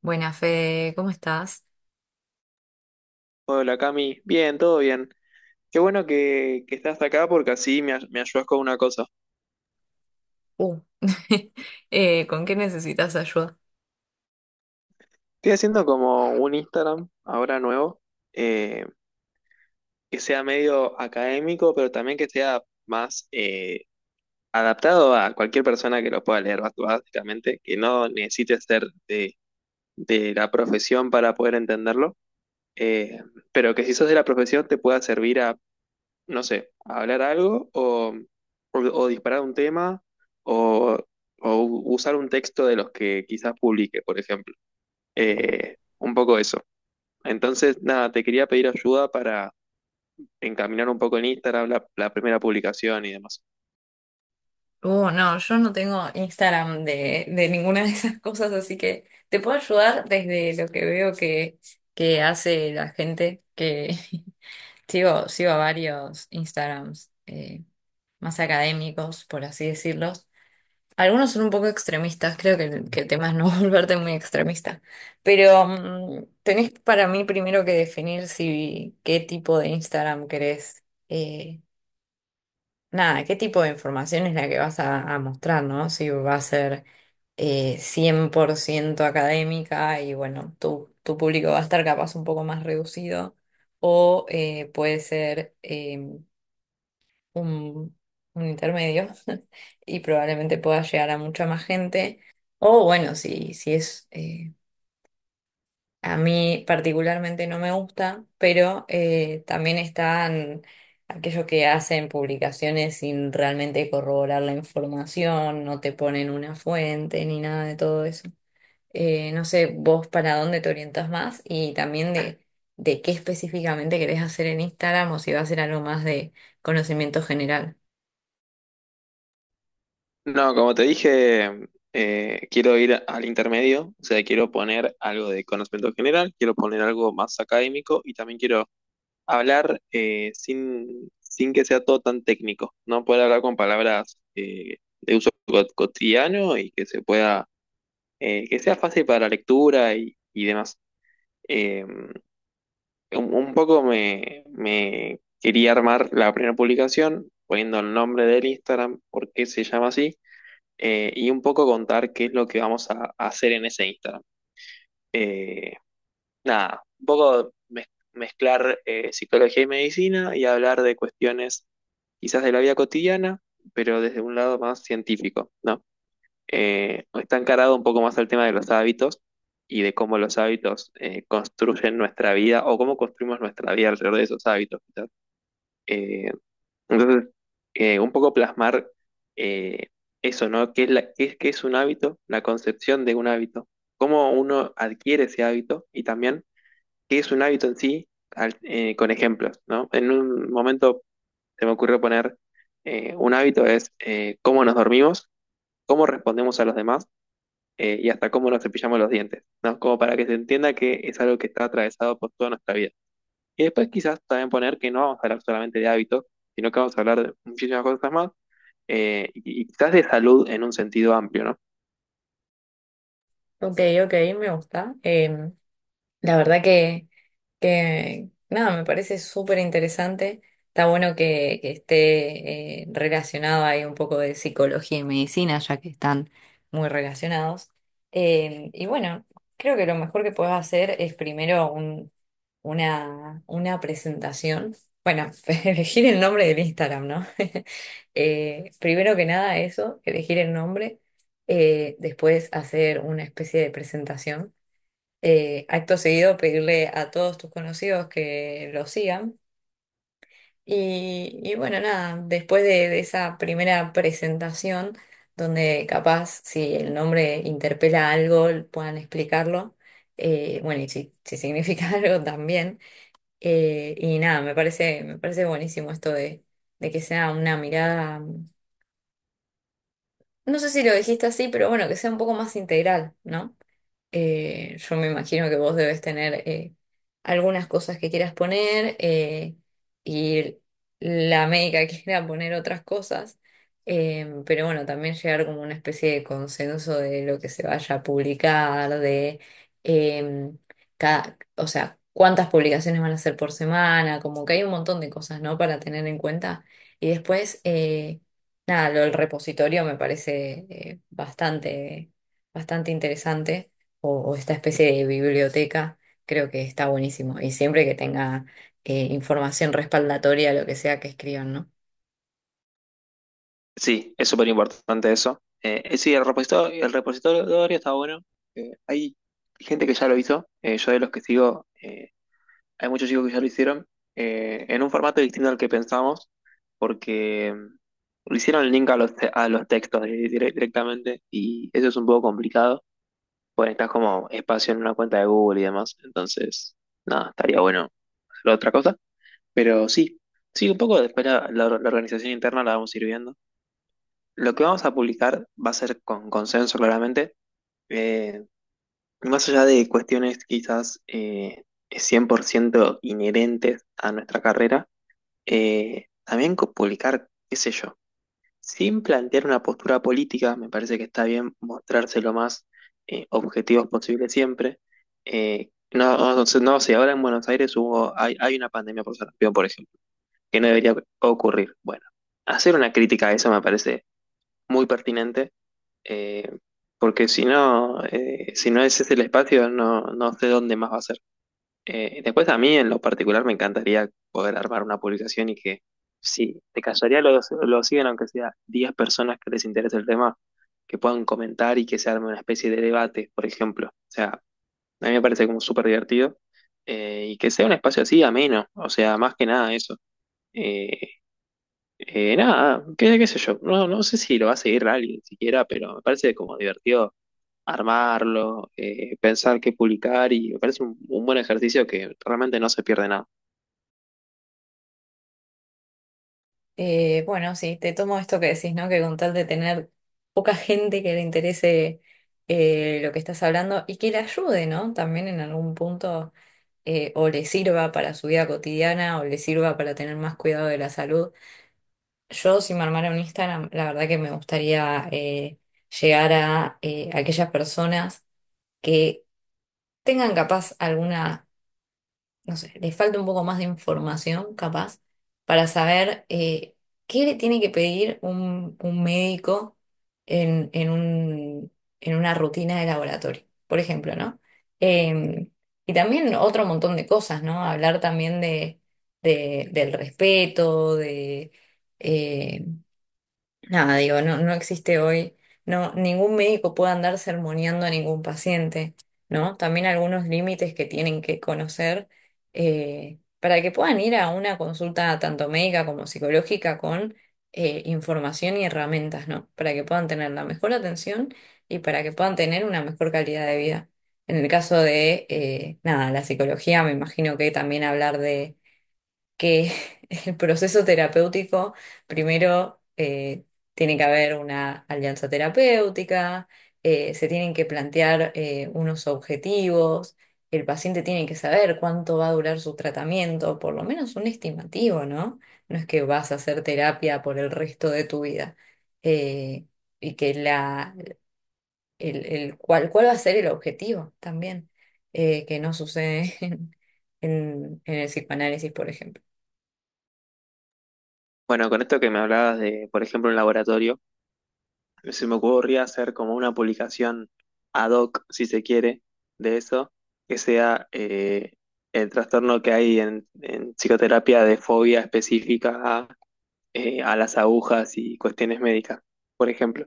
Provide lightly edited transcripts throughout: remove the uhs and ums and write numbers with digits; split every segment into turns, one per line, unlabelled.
Buena Fede, ¿cómo estás?
Hola Cami, bien, todo bien. Qué bueno que estás acá porque así me ayudas con una cosa.
Uh, ¿con qué necesitas ayuda?
Estoy haciendo como un Instagram ahora nuevo, eh, que sea medio académico, pero también que sea más adaptado a cualquier persona que lo pueda leer, básicamente, que no necesite ser de la profesión para poder entenderlo, eh, pero que si sos de la profesión te pueda servir no sé, hablar algo o disparar un tema o, usar un texto de los que quizás publique, por ejemplo. Un poco eso. Entonces, nada, te quería pedir ayuda para encaminar un poco en Instagram la primera publicación y demás.
No, yo no tengo Instagram de ninguna de esas cosas, así que te puedo ayudar desde lo que veo que hace la gente, que sigo a varios Instagrams más académicos, por así decirlo. Algunos son un poco extremistas, el que el tema es no volverte muy extremista, pero tenés para mí primero que definir si qué tipo de Instagram querés. Eh, nada, ¿Qué tipo de información es la que a mostrar? ¿No? Si va a ser 100% académica, y bueno, tu público va a estar capaz un poco más reducido, o puede ser un, un intermedio y probablemente pueda llegar a mucha más gente. O bueno, si es, a mí particularmente no me gusta, pero también están aquellos que hacen publicaciones sin realmente corroborar la información, no te ponen una fuente ni nada de todo eso. No sé, vos para dónde te orientas más y también de qué específicamente querés hacer en Instagram, o si va a ser algo más de conocimiento general.
No, como te dije, quiero ir al intermedio, o sea, quiero poner algo de conocimiento general, quiero poner algo más académico y también quiero hablar sin, sin que sea todo tan técnico, ¿no? Poder hablar con palabras de uso cotidiano y que se pueda, que sea fácil para la lectura y demás. Eh, un poco me quería armar la primera publicación poniendo el nombre del Instagram, por qué se llama así, y un poco contar qué es lo que vamos a hacer en ese Instagram. Eh, nada, un poco mezclar psicología y medicina y hablar de cuestiones quizás de la vida cotidiana, pero desde un lado más científico, ¿no? Está encarado un poco más al tema de los hábitos y de cómo los hábitos construyen nuestra vida o cómo construimos nuestra vida alrededor de esos hábitos, quizás. Eh, entonces, un poco plasmar eh, eso, ¿no? ¿Qué es, qué es, qué es un hábito? La concepción de un hábito, cómo uno adquiere ese hábito y también qué es un hábito en sí con ejemplos, ¿no? En un momento se me ocurrió poner un hábito es cómo nos dormimos, cómo respondemos a los demás y hasta cómo nos cepillamos los dientes, ¿no? Como para que se entienda que es algo que está atravesado por toda nuestra vida. Y después quizás también poner que no vamos a hablar solamente de hábitos, sino que vamos a hablar de muchísimas cosas más, y quizás de salud en un sentido amplio, ¿no?
Ok, ok, me gusta. La verdad que nada, me parece súper interesante. Está que esté relacionado ahí un poco de psicología y medicina, ya que están muy relacionados. Y bueno, creo que lo mejor que puedes hacer es una presentación. Bueno, elegir el nombre del Instagram, ¿no? Primero que nada eso, elegir el nombre. Después hacer una especie de presentación, acto seguido pedirle a todos tus conocidos que lo sigan. Y bueno, nada, después de esa primera presentación, donde capaz si el nombre interpela algo, puedan explicarlo. Bueno, y si significa algo también. Y nada, me parece buenísimo esto de que sea una mirada, no sé si lo dijiste así, pero bueno, que sea un poco más integral, ¿no? Yo me imagino que vos debes tener algunas cosas que quieras poner, y la médica quiera poner otras cosas. Pero bueno, también llegar como una especie de consenso de lo que se vaya a publicar. Eh, o sea, cuántas publicaciones van a hacer por semana. Como que hay un montón de cosas, ¿no? Para tener en cuenta. Y después, nada, lo del repositorio me parece bastante interesante, o esta especie de biblioteca, creo que está buenísimo. Y siempre que tenga información respaldatoria, lo que sea que escriban, ¿no?
Sí, es súper importante eso. Sí, el repositorio está bueno. Hay gente que ya lo hizo. Yo de los que sigo, hay muchos chicos que ya lo hicieron, en un formato distinto al que pensamos, porque lo hicieron el link a los, a los textos directamente y eso es un poco complicado, pues necesitas como espacio en una cuenta de Google y demás, entonces, nada, estaría bueno hacer otra cosa, pero sí, sí, un poco después la organización interna la vamos a ir viendo. Lo que vamos a publicar va a ser con consenso claramente, eh, más allá de cuestiones quizás 100% inherentes a nuestra carrera. Publicar, qué sé yo, sin plantear una postura política, me parece que está bien mostrarse lo más objetivos posible siempre. No sé, ahora en Buenos Aires hay una pandemia por sarampión, por ejemplo, que no debería ocurrir. Bueno, hacer una crítica a eso me parece muy pertinente, eh, porque si no, si no ese es el espacio, no, no sé dónde más va a ser. Después a mí en lo particular me encantaría poder armar una publicación y que si te callaría lo siguen aunque sea 10 personas que les interese el tema, que puedan comentar y que se arme una especie de debate, por ejemplo. O sea, a mí me parece como súper divertido, y que sea un espacio así ameno, o sea, más que nada eso. Eh, nada, qué, qué sé yo, no, no sé si lo va a seguir alguien siquiera, pero me parece como divertido armarlo, pensar qué publicar y me parece un buen ejercicio que realmente no se pierde nada.
Bueno, sí, te tomo esto que decís, ¿no? Que con tal de tener poca gente que le interese lo que estás hablando y que le ayude, ¿no? También en algún punto, o le sirva para su vida cotidiana, o le sirva para tener más cuidado de la salud. Yo, si me armara un Instagram, la verdad que me gustaría llegar a aquellas personas que tengan capaz alguna, no sé, les falta un poco más de información capaz para saber qué le tiene que pedir un médico en, en un- en una rutina de laboratorio, por ejemplo, ¿no? Eh, y también otro montón de cosas, ¿no? Hablar también del respeto, de... eh, Nada, digo, no existe hoy, no, ningún médico puede andar sermoneando a ningún paciente, ¿no? También algunos límites que tienen que conocer, para que puedan ir a una consulta tanto médica como psicológica con información y herramientas, ¿no? Para que puedan tener la mejor atención y para que puedan tener una mejor calidad de vida. En el caso de, nada, la psicología, me imagino que también hablar de que el proceso terapéutico, primero tiene que haber una alianza terapéutica. Se tienen que plantear unos objetivos. El paciente tiene que saber cuánto va a durar su tratamiento, por lo menos un estimativo, ¿no? No es que vas a hacer terapia por el resto de tu vida. eh, y que la, el- cuál, cuál va a ser el objetivo también, que no sucede en, en el psicoanálisis, por ejemplo.
Bueno, con esto que me hablabas de, por ejemplo, un laboratorio, se me ocurría hacer como una publicación ad hoc, si se quiere, de eso, que sea el trastorno que hay en psicoterapia de fobia específica a las agujas y cuestiones médicas, por ejemplo.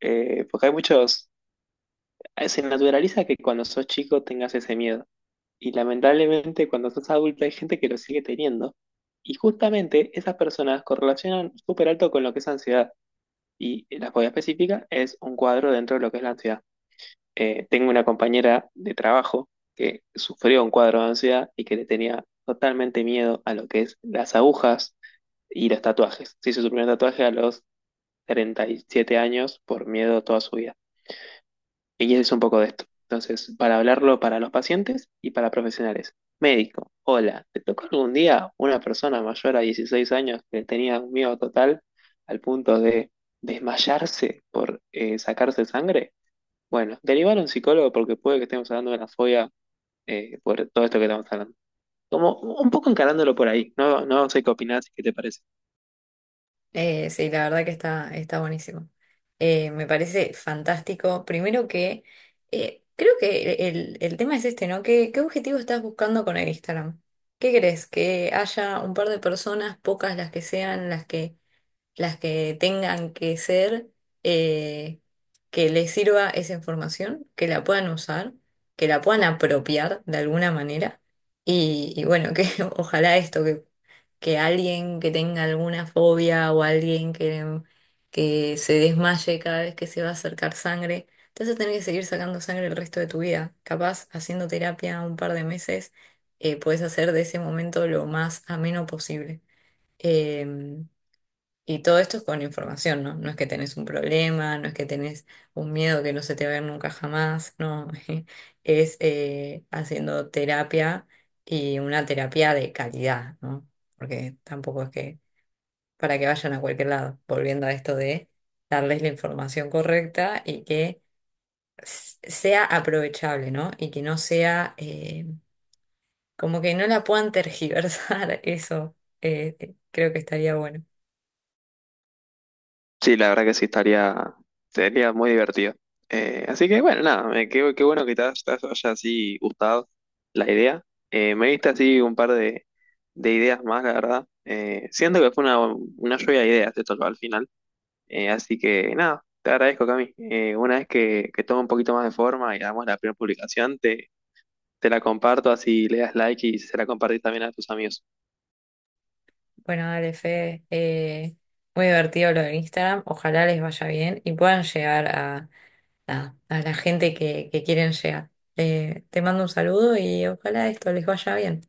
Porque hay muchos, se naturaliza que cuando sos chico tengas ese miedo. Y lamentablemente cuando sos adulto hay gente que lo sigue teniendo. Y justamente esas personas correlacionan súper alto con lo que es ansiedad. Y la fobia específica es un cuadro dentro de lo que es la ansiedad. Tengo una compañera de trabajo que sufrió un cuadro de ansiedad y que le tenía totalmente miedo a lo que es las agujas y los tatuajes. Se hizo su primer tatuaje a los 37 años por miedo toda su vida. Y eso es un poco de esto. Entonces, para hablarlo para los pacientes y para profesionales. Médico, hola, ¿te tocó algún día una persona mayor a 16 años que tenía un miedo total al punto de desmayarse por sacarse sangre? Bueno, derivar a un psicólogo porque puede que estemos hablando de una fobia, por todo esto que estamos hablando. Como un poco encarándolo por ahí, no, no sé qué opinás y qué te parece.
Sí, la verdad que está buenísimo. Me parece fantástico. Primero que creo que el tema es este, ¿no? ¿Qué, qué objetivo estás buscando con el Instagram? ¿Qué crees? Que haya un par de personas, pocas las que sean, las que tengan que ser, eh, que les sirva esa información, que la puedan usar, que la puedan apropiar de alguna manera. Y bueno, que ojalá esto, que alguien que tenga alguna fobia, o alguien que se desmaye cada vez que se va a acercar sangre, te vas a tener que seguir sacando sangre el resto de tu vida. Capaz, haciendo terapia un par de meses, puedes hacer de ese momento lo más ameno posible. Em, y todo esto es con información, ¿no? No es que tenés un problema, no es que tenés un miedo que no se te va a ir nunca jamás, no. Es haciendo terapia, y una terapia de calidad, ¿no? Porque tampoco es que para que vayan a cualquier lado, volviendo a esto de darles la información correcta y que sea aprovechable, ¿no? Y que no sea como que no la puedan tergiversar, eso creo que estaría bueno.
Sí, la verdad que sí estaría, sería muy divertido. Así que bueno, nada, qué bueno que te haya así gustado la idea. Me diste así un par de ideas más, la verdad. Siento que fue una lluvia de ideas esto al final. Así que nada, te agradezco, Cami. Una vez que tome un poquito más de forma y hagamos la primera publicación, te la comparto así le das like y se la compartís también a tus amigos.
Bueno, dale, Fede. Muy divertido lo de Instagram. Ojalá les vaya bien y puedan llegar a, nada, a la gente que quieren llegar. Te mando un saludo y ojalá esto les vaya bien.